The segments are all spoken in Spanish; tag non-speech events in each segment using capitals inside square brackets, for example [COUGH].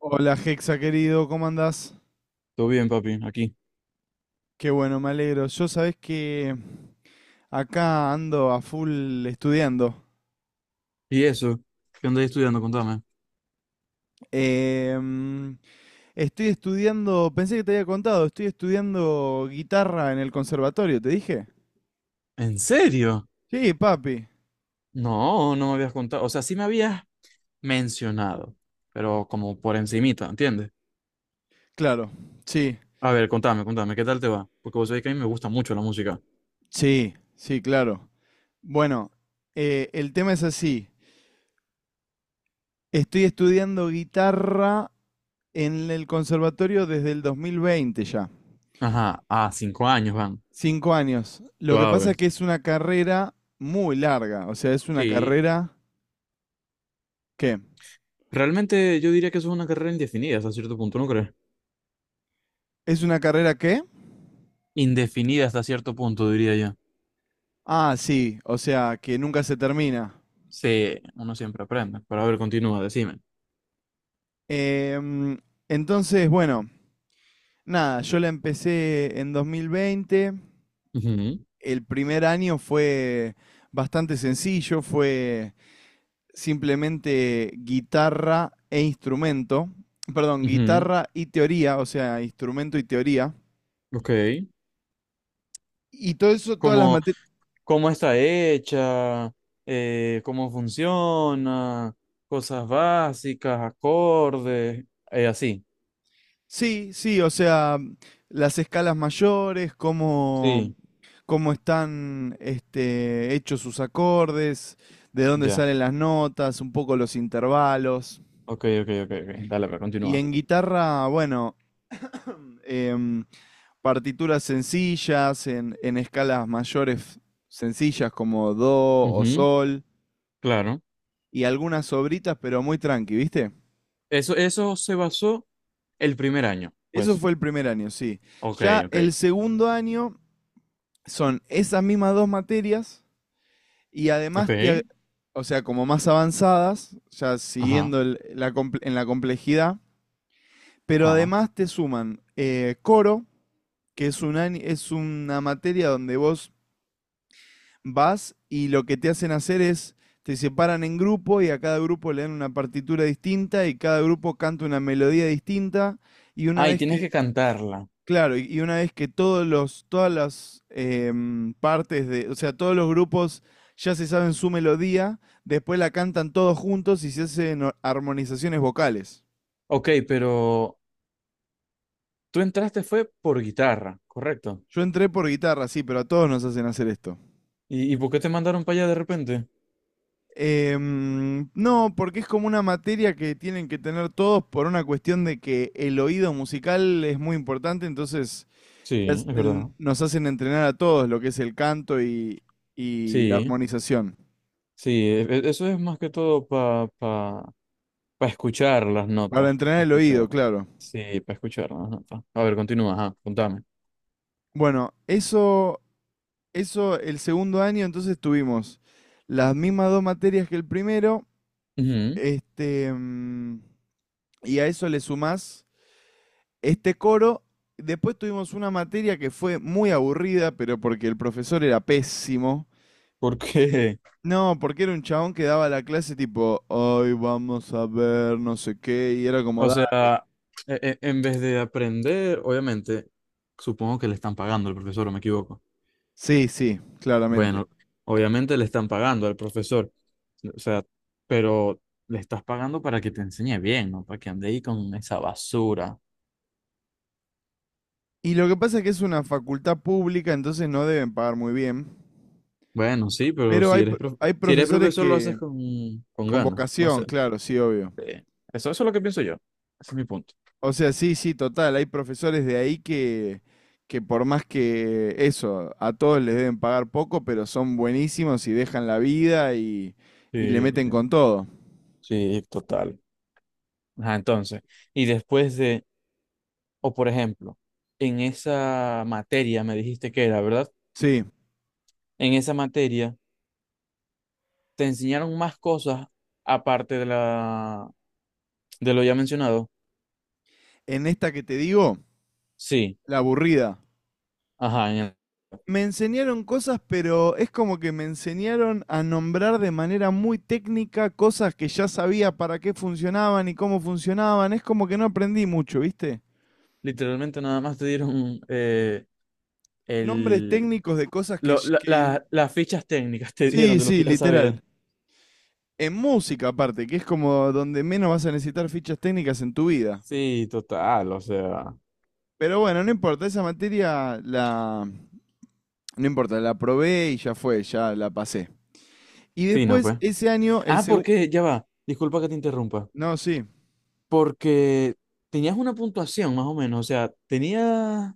Hola Hexa querido, ¿cómo andás? Todo bien, papi, aquí. Qué bueno, me alegro. Yo sabés que acá ando a full estudiando. ¿Y eso? ¿Qué andáis estudiando? Contame. Em, Estoy estudiando, pensé que te había contado, estoy estudiando guitarra en el conservatorio, ¿te dije? ¿En serio? Sí, papi. No, no me habías contado. O sea, sí me habías mencionado, pero como por encimita, ¿entiendes? Claro, sí, A ver, contame, contame, ¿qué tal te va? Porque vos sabés que a mí me gusta mucho la música. sí, sí, claro. Bueno, el tema es así. Estoy estudiando guitarra en el conservatorio desde el 2020 ya. Ajá, a 5 años van. 5 años. Lo que pasa Suave. es que es una carrera muy larga. O sea, es una Sí. carrera ¿qué? Realmente yo diría que eso es una carrera indefinida hasta cierto punto, ¿no crees? ¿Es una carrera qué? Indefinida hasta cierto punto, diría yo. Ah, sí. O sea, que nunca se termina. Sí, uno siempre aprende. Pero a ver, continúa, decime. Em, entonces, bueno, nada, yo la empecé en 2020. Ujú, El primer año fue bastante sencillo. Fue simplemente guitarra e instrumento. Perdón, ujú. guitarra y teoría. O sea, instrumento y teoría. Ok. Y todo eso, todas las Como, materias... cómo está hecha, cómo funciona, cosas básicas, acordes, así. Sí, sí, o sea, las escalas mayores, cómo, Sí, cómo están este, hechos sus acordes, de dónde ya. salen las notas, un poco los intervalos. Ok, ok, ok, ok. Dale, pero Y continúa. en guitarra, bueno, em, partituras sencillas, en escalas mayores sencillas como do o Ujú, sol, claro. y algunas sobritas, pero muy tranqui, ¿viste? Eso se basó el primer año, Eso pues. fue el primer año, sí. Ok, Ya ok. el segundo año son esas mismas dos materias. Y además, Ok. O sea, como más avanzadas, ya Ajá, siguiendo en la complejidad, pero ajá. además te suman coro, que es, es una materia donde vos vas y lo que te hacen hacer es, te separan en grupo y a cada grupo le dan una partitura distinta y cada grupo canta una melodía distinta y una Ah, y vez tienes que... que cantarla. Claro, y una vez que todos los, todas las partes de, o sea, todos los grupos ya se saben su melodía, después la cantan todos juntos y se hacen armonizaciones vocales. Ok, pero tú entraste fue por guitarra, correcto. Yo entré por guitarra, sí, pero a todos nos hacen hacer esto. ¿Y por qué te mandaron para allá de repente? No, porque es como una materia que tienen que tener todos por una cuestión de que el oído musical es muy importante, entonces Sí, es verdad. nos hacen entrenar a todos lo que es el canto y la Sí. armonización. Sí, eso es más que todo para pa, pa pa escuchar las Para notas, entrenar para el oído, escuchar. claro. Sí, para escuchar las notas. A ver, continúa, ajá, contame. Bueno, eso el segundo año, entonces tuvimos las mismas dos materias que el primero, Ujú. este, y a eso le sumás este coro. Después tuvimos una materia que fue muy aburrida, pero porque el profesor era pésimo. Porque, No, porque era un chabón que daba la clase tipo, hoy vamos a ver no sé qué, y era [LAUGHS] como, o da. sea, en vez de aprender, obviamente, supongo que le están pagando al profesor, ¿o me equivoco? Sí, sí, claramente. Bueno, obviamente le están pagando al profesor, o sea, pero le estás pagando para que te enseñe bien, ¿no? Para que ande ahí con esa basura. Y lo que pasa es que es una facultad pública, entonces no deben pagar muy bien. Bueno, sí, pero Pero hay, pro- hay si eres profesores profesor lo haces que... con, Con ganas, no vocación, sé. claro, sí, obvio. Eso es lo que pienso yo. Ese es mi punto. O sea, sí, sí, total. Hay profesores de ahí que por más que eso, a todos les deben pagar poco, pero son buenísimos y dejan la vida y le Sí, meten sí, con todo. sí, total. Ajá, entonces, y después de, o por ejemplo, en esa materia me dijiste que era, ¿verdad? Sí. En esa materia te enseñaron más cosas aparte de lo ya mencionado. En esta que te digo, Sí, la aburrida. ajá, Me enseñaron cosas, pero es como que me enseñaron a nombrar de manera muy técnica cosas que ya sabía para qué funcionaban y cómo funcionaban. Es como que no aprendí mucho, ¿viste? literalmente nada más te dieron Nombres el técnicos de cosas que, lo- la- que... la- las fichas técnicas te dieron Sí, de lo sí, que ya sabías. literal. En música aparte, que es como donde menos vas a necesitar fichas técnicas en tu vida. Sí, total, o sea, Pero bueno, no importa, esa materia la... No importa, la probé y ya fue, ya la pasé. Y fino, después, pues. ese año, el Ah, segundo... porque, ya va, disculpa que te interrumpa, No, sí, porque tenías una puntuación más o menos, o sea, tenías,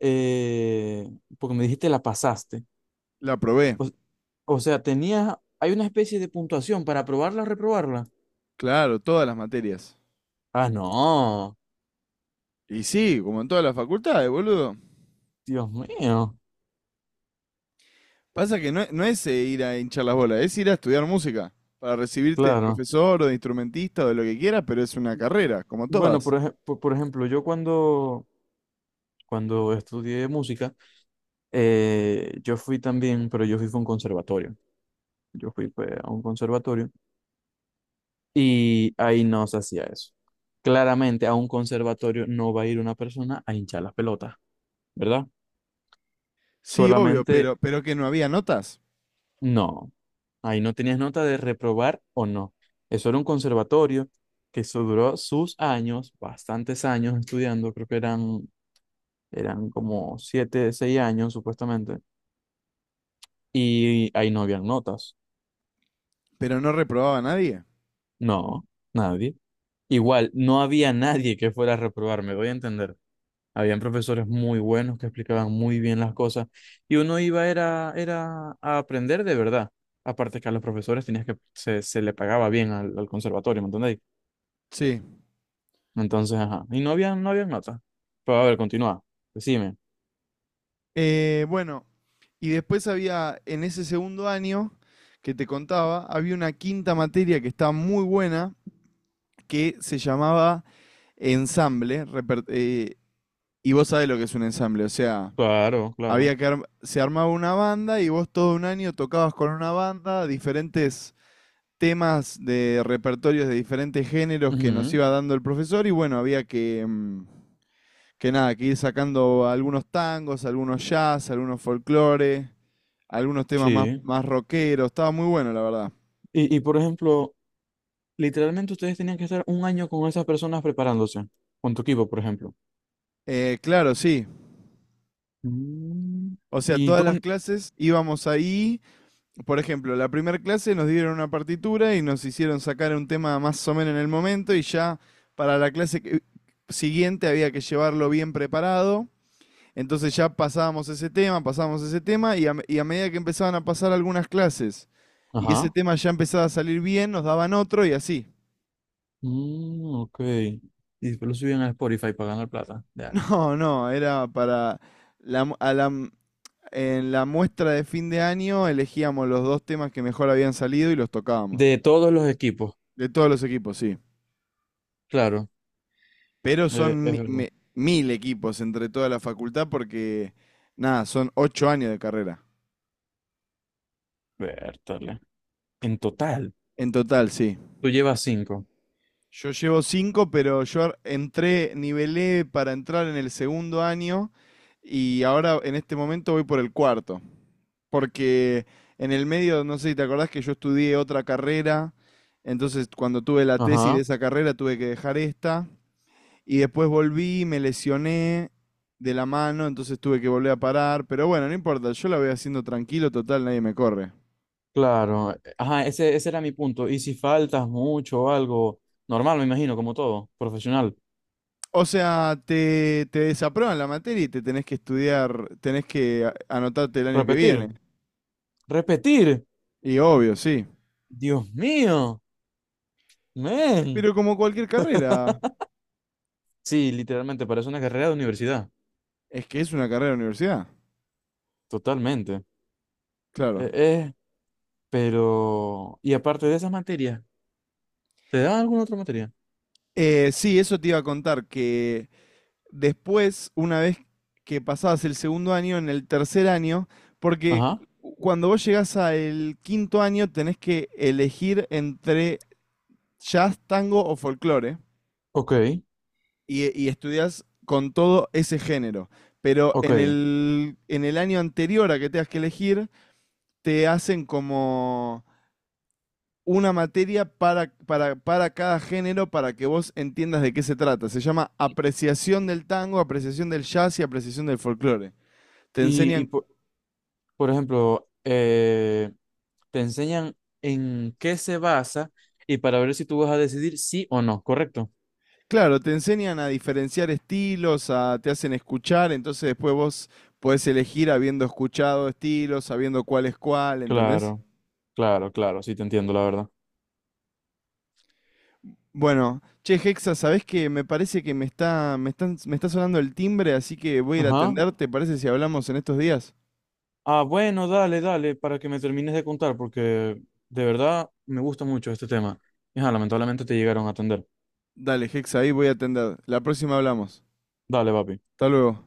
eh, porque me dijiste la pasaste, la probé. o, o sea, tenías, hay una especie de puntuación para aprobarla o reprobarla. Claro, todas las materias. Ah, no, Y sí, como en todas las facultades, boludo. Dios mío, Pasa que no, no es ir a hinchar las bolas, es ir a estudiar música. Para recibirte de claro. profesor o de instrumentista o de lo que quieras, pero es una carrera, como Bueno, todas. por ejemplo, yo cuando estudié música, yo fui también, pero yo fui a un conservatorio, yo fui pues, a un conservatorio. Y ahí no se hacía eso. Claramente a un conservatorio no va a ir una persona a hinchar las pelotas, ¿verdad? Sí, obvio, Solamente pero que no había notas. no. Ahí no tenías nota de reprobar o no. Eso era un conservatorio que eso duró sus años, bastantes años estudiando, creo que eran como 7, 6 años supuestamente. Y ahí no habían notas. Pero no reprobaba a nadie. No, nadie. Igual, no había nadie que fuera a reprobar, me doy a entender. Habían profesores muy buenos que explicaban muy bien las cosas y uno iba era a aprender de verdad. Aparte que a los profesores tenías que se le pagaba bien al conservatorio, ¿me entendéis? Sí. Entonces, ajá. Y no había notas. Pero a ver, continúa. Decime. Bueno, y después había, en ese segundo año que te contaba, había una quinta materia que estaba muy buena, que se llamaba ensamble. Y vos sabés lo que es un ensamble, o sea, Claro, claro. había que se armaba una banda y vos todo un año tocabas con una banda diferentes temas de repertorios de diferentes géneros que nos Ujú. iba dando el profesor y bueno, había que que nada, que ir sacando algunos tangos, algunos jazz, algunos folclore, algunos temas más Sí. más rockeros, estaba muy bueno, la verdad. Y por ejemplo, literalmente ustedes tenían que estar un año con esas personas preparándose, con tu equipo, por ejemplo. Claro, sí. Mm, O sea, ¿Y todas las dónde? clases íbamos ahí. Por ejemplo, la primera clase nos dieron una partitura y nos hicieron sacar un tema más o menos en el momento y ya para la clase siguiente había que llevarlo bien preparado. Entonces ya pasábamos ese tema y y a medida que empezaban a pasar algunas clases y ese Ajá. tema ya empezaba a salir bien, nos daban otro y así. Mm, ok. Y después lo subían a Spotify para ganar plata. [LAUGHS] Ya. No, no, era para la, mu- a la m- en la muestra de fin de año elegíamos los dos temas que mejor habían salido y los tocábamos. De todos los equipos, De todos los equipos, sí. claro. Pero son Es verdad. Mil equipos entre toda la facultad porque, nada, son 8 años de carrera. Vértale. En total, En total, sí. tú llevas cinco. Yo llevo cinco, pero yo entré, nivelé para entrar en el segundo año y ahora en este momento voy por el cuarto. Porque en el medio, no sé si te acordás que yo estudié otra carrera, entonces cuando tuve la tesis de Ajá, esa carrera tuve que dejar esta. Y después volví, me lesioné de la mano, entonces tuve que volver a parar. Pero bueno, no importa, yo la voy haciendo tranquilo, total, nadie me corre. claro. Ajá, ese era mi punto. Y si faltas mucho o algo, normal, me imagino, como todo, profesional. O sea, te desaprueban la materia y te tenés que estudiar, tenés que anotarte el año que Repetir, viene. repetir. Y obvio, sí. Dios mío, men. Pero como cualquier carrera, Sí, literalmente, parece una carrera de universidad. es que es una carrera de universidad. Totalmente. Claro. Eh, eh, pero, y aparte de esas materias, ¿te daban alguna otra materia? Sí, eso te iba a contar, que después, una vez que pasabas el segundo año, en el tercer año, porque Ajá, cuando vos llegás al quinto año tenés que elegir entre jazz, tango o folclore ok, y estudias con todo ese género. Pero ok. en el año anterior a que tengas que elegir, te hacen como una materia para cada género para que vos entiendas de qué se trata. Se llama apreciación del tango, apreciación del jazz y apreciación del folclore. Te Y enseñan, por ejemplo, te enseñan en qué se basa y para ver si tú vas a decidir sí o no, ¿correcto? claro, te enseñan a diferenciar estilos, te hacen escuchar, entonces después vos podés elegir habiendo escuchado estilos, sabiendo cuál es cuál, ¿entendés? Claro, claro, claro, sí te entiendo, la verdad. Bueno, che, Hexa, ¿sabés que me parece que me está sonando el timbre, así que voy a ir a Ajá. atender? ¿Te parece si hablamos en estos días? Ah, bueno, dale, dale, para que me termines de contar, porque de verdad me gusta mucho este tema. Ajá, lamentablemente te llegaron a atender. Dale, Hexa, ahí voy a atender. La próxima hablamos. Dale, papi. Hasta luego.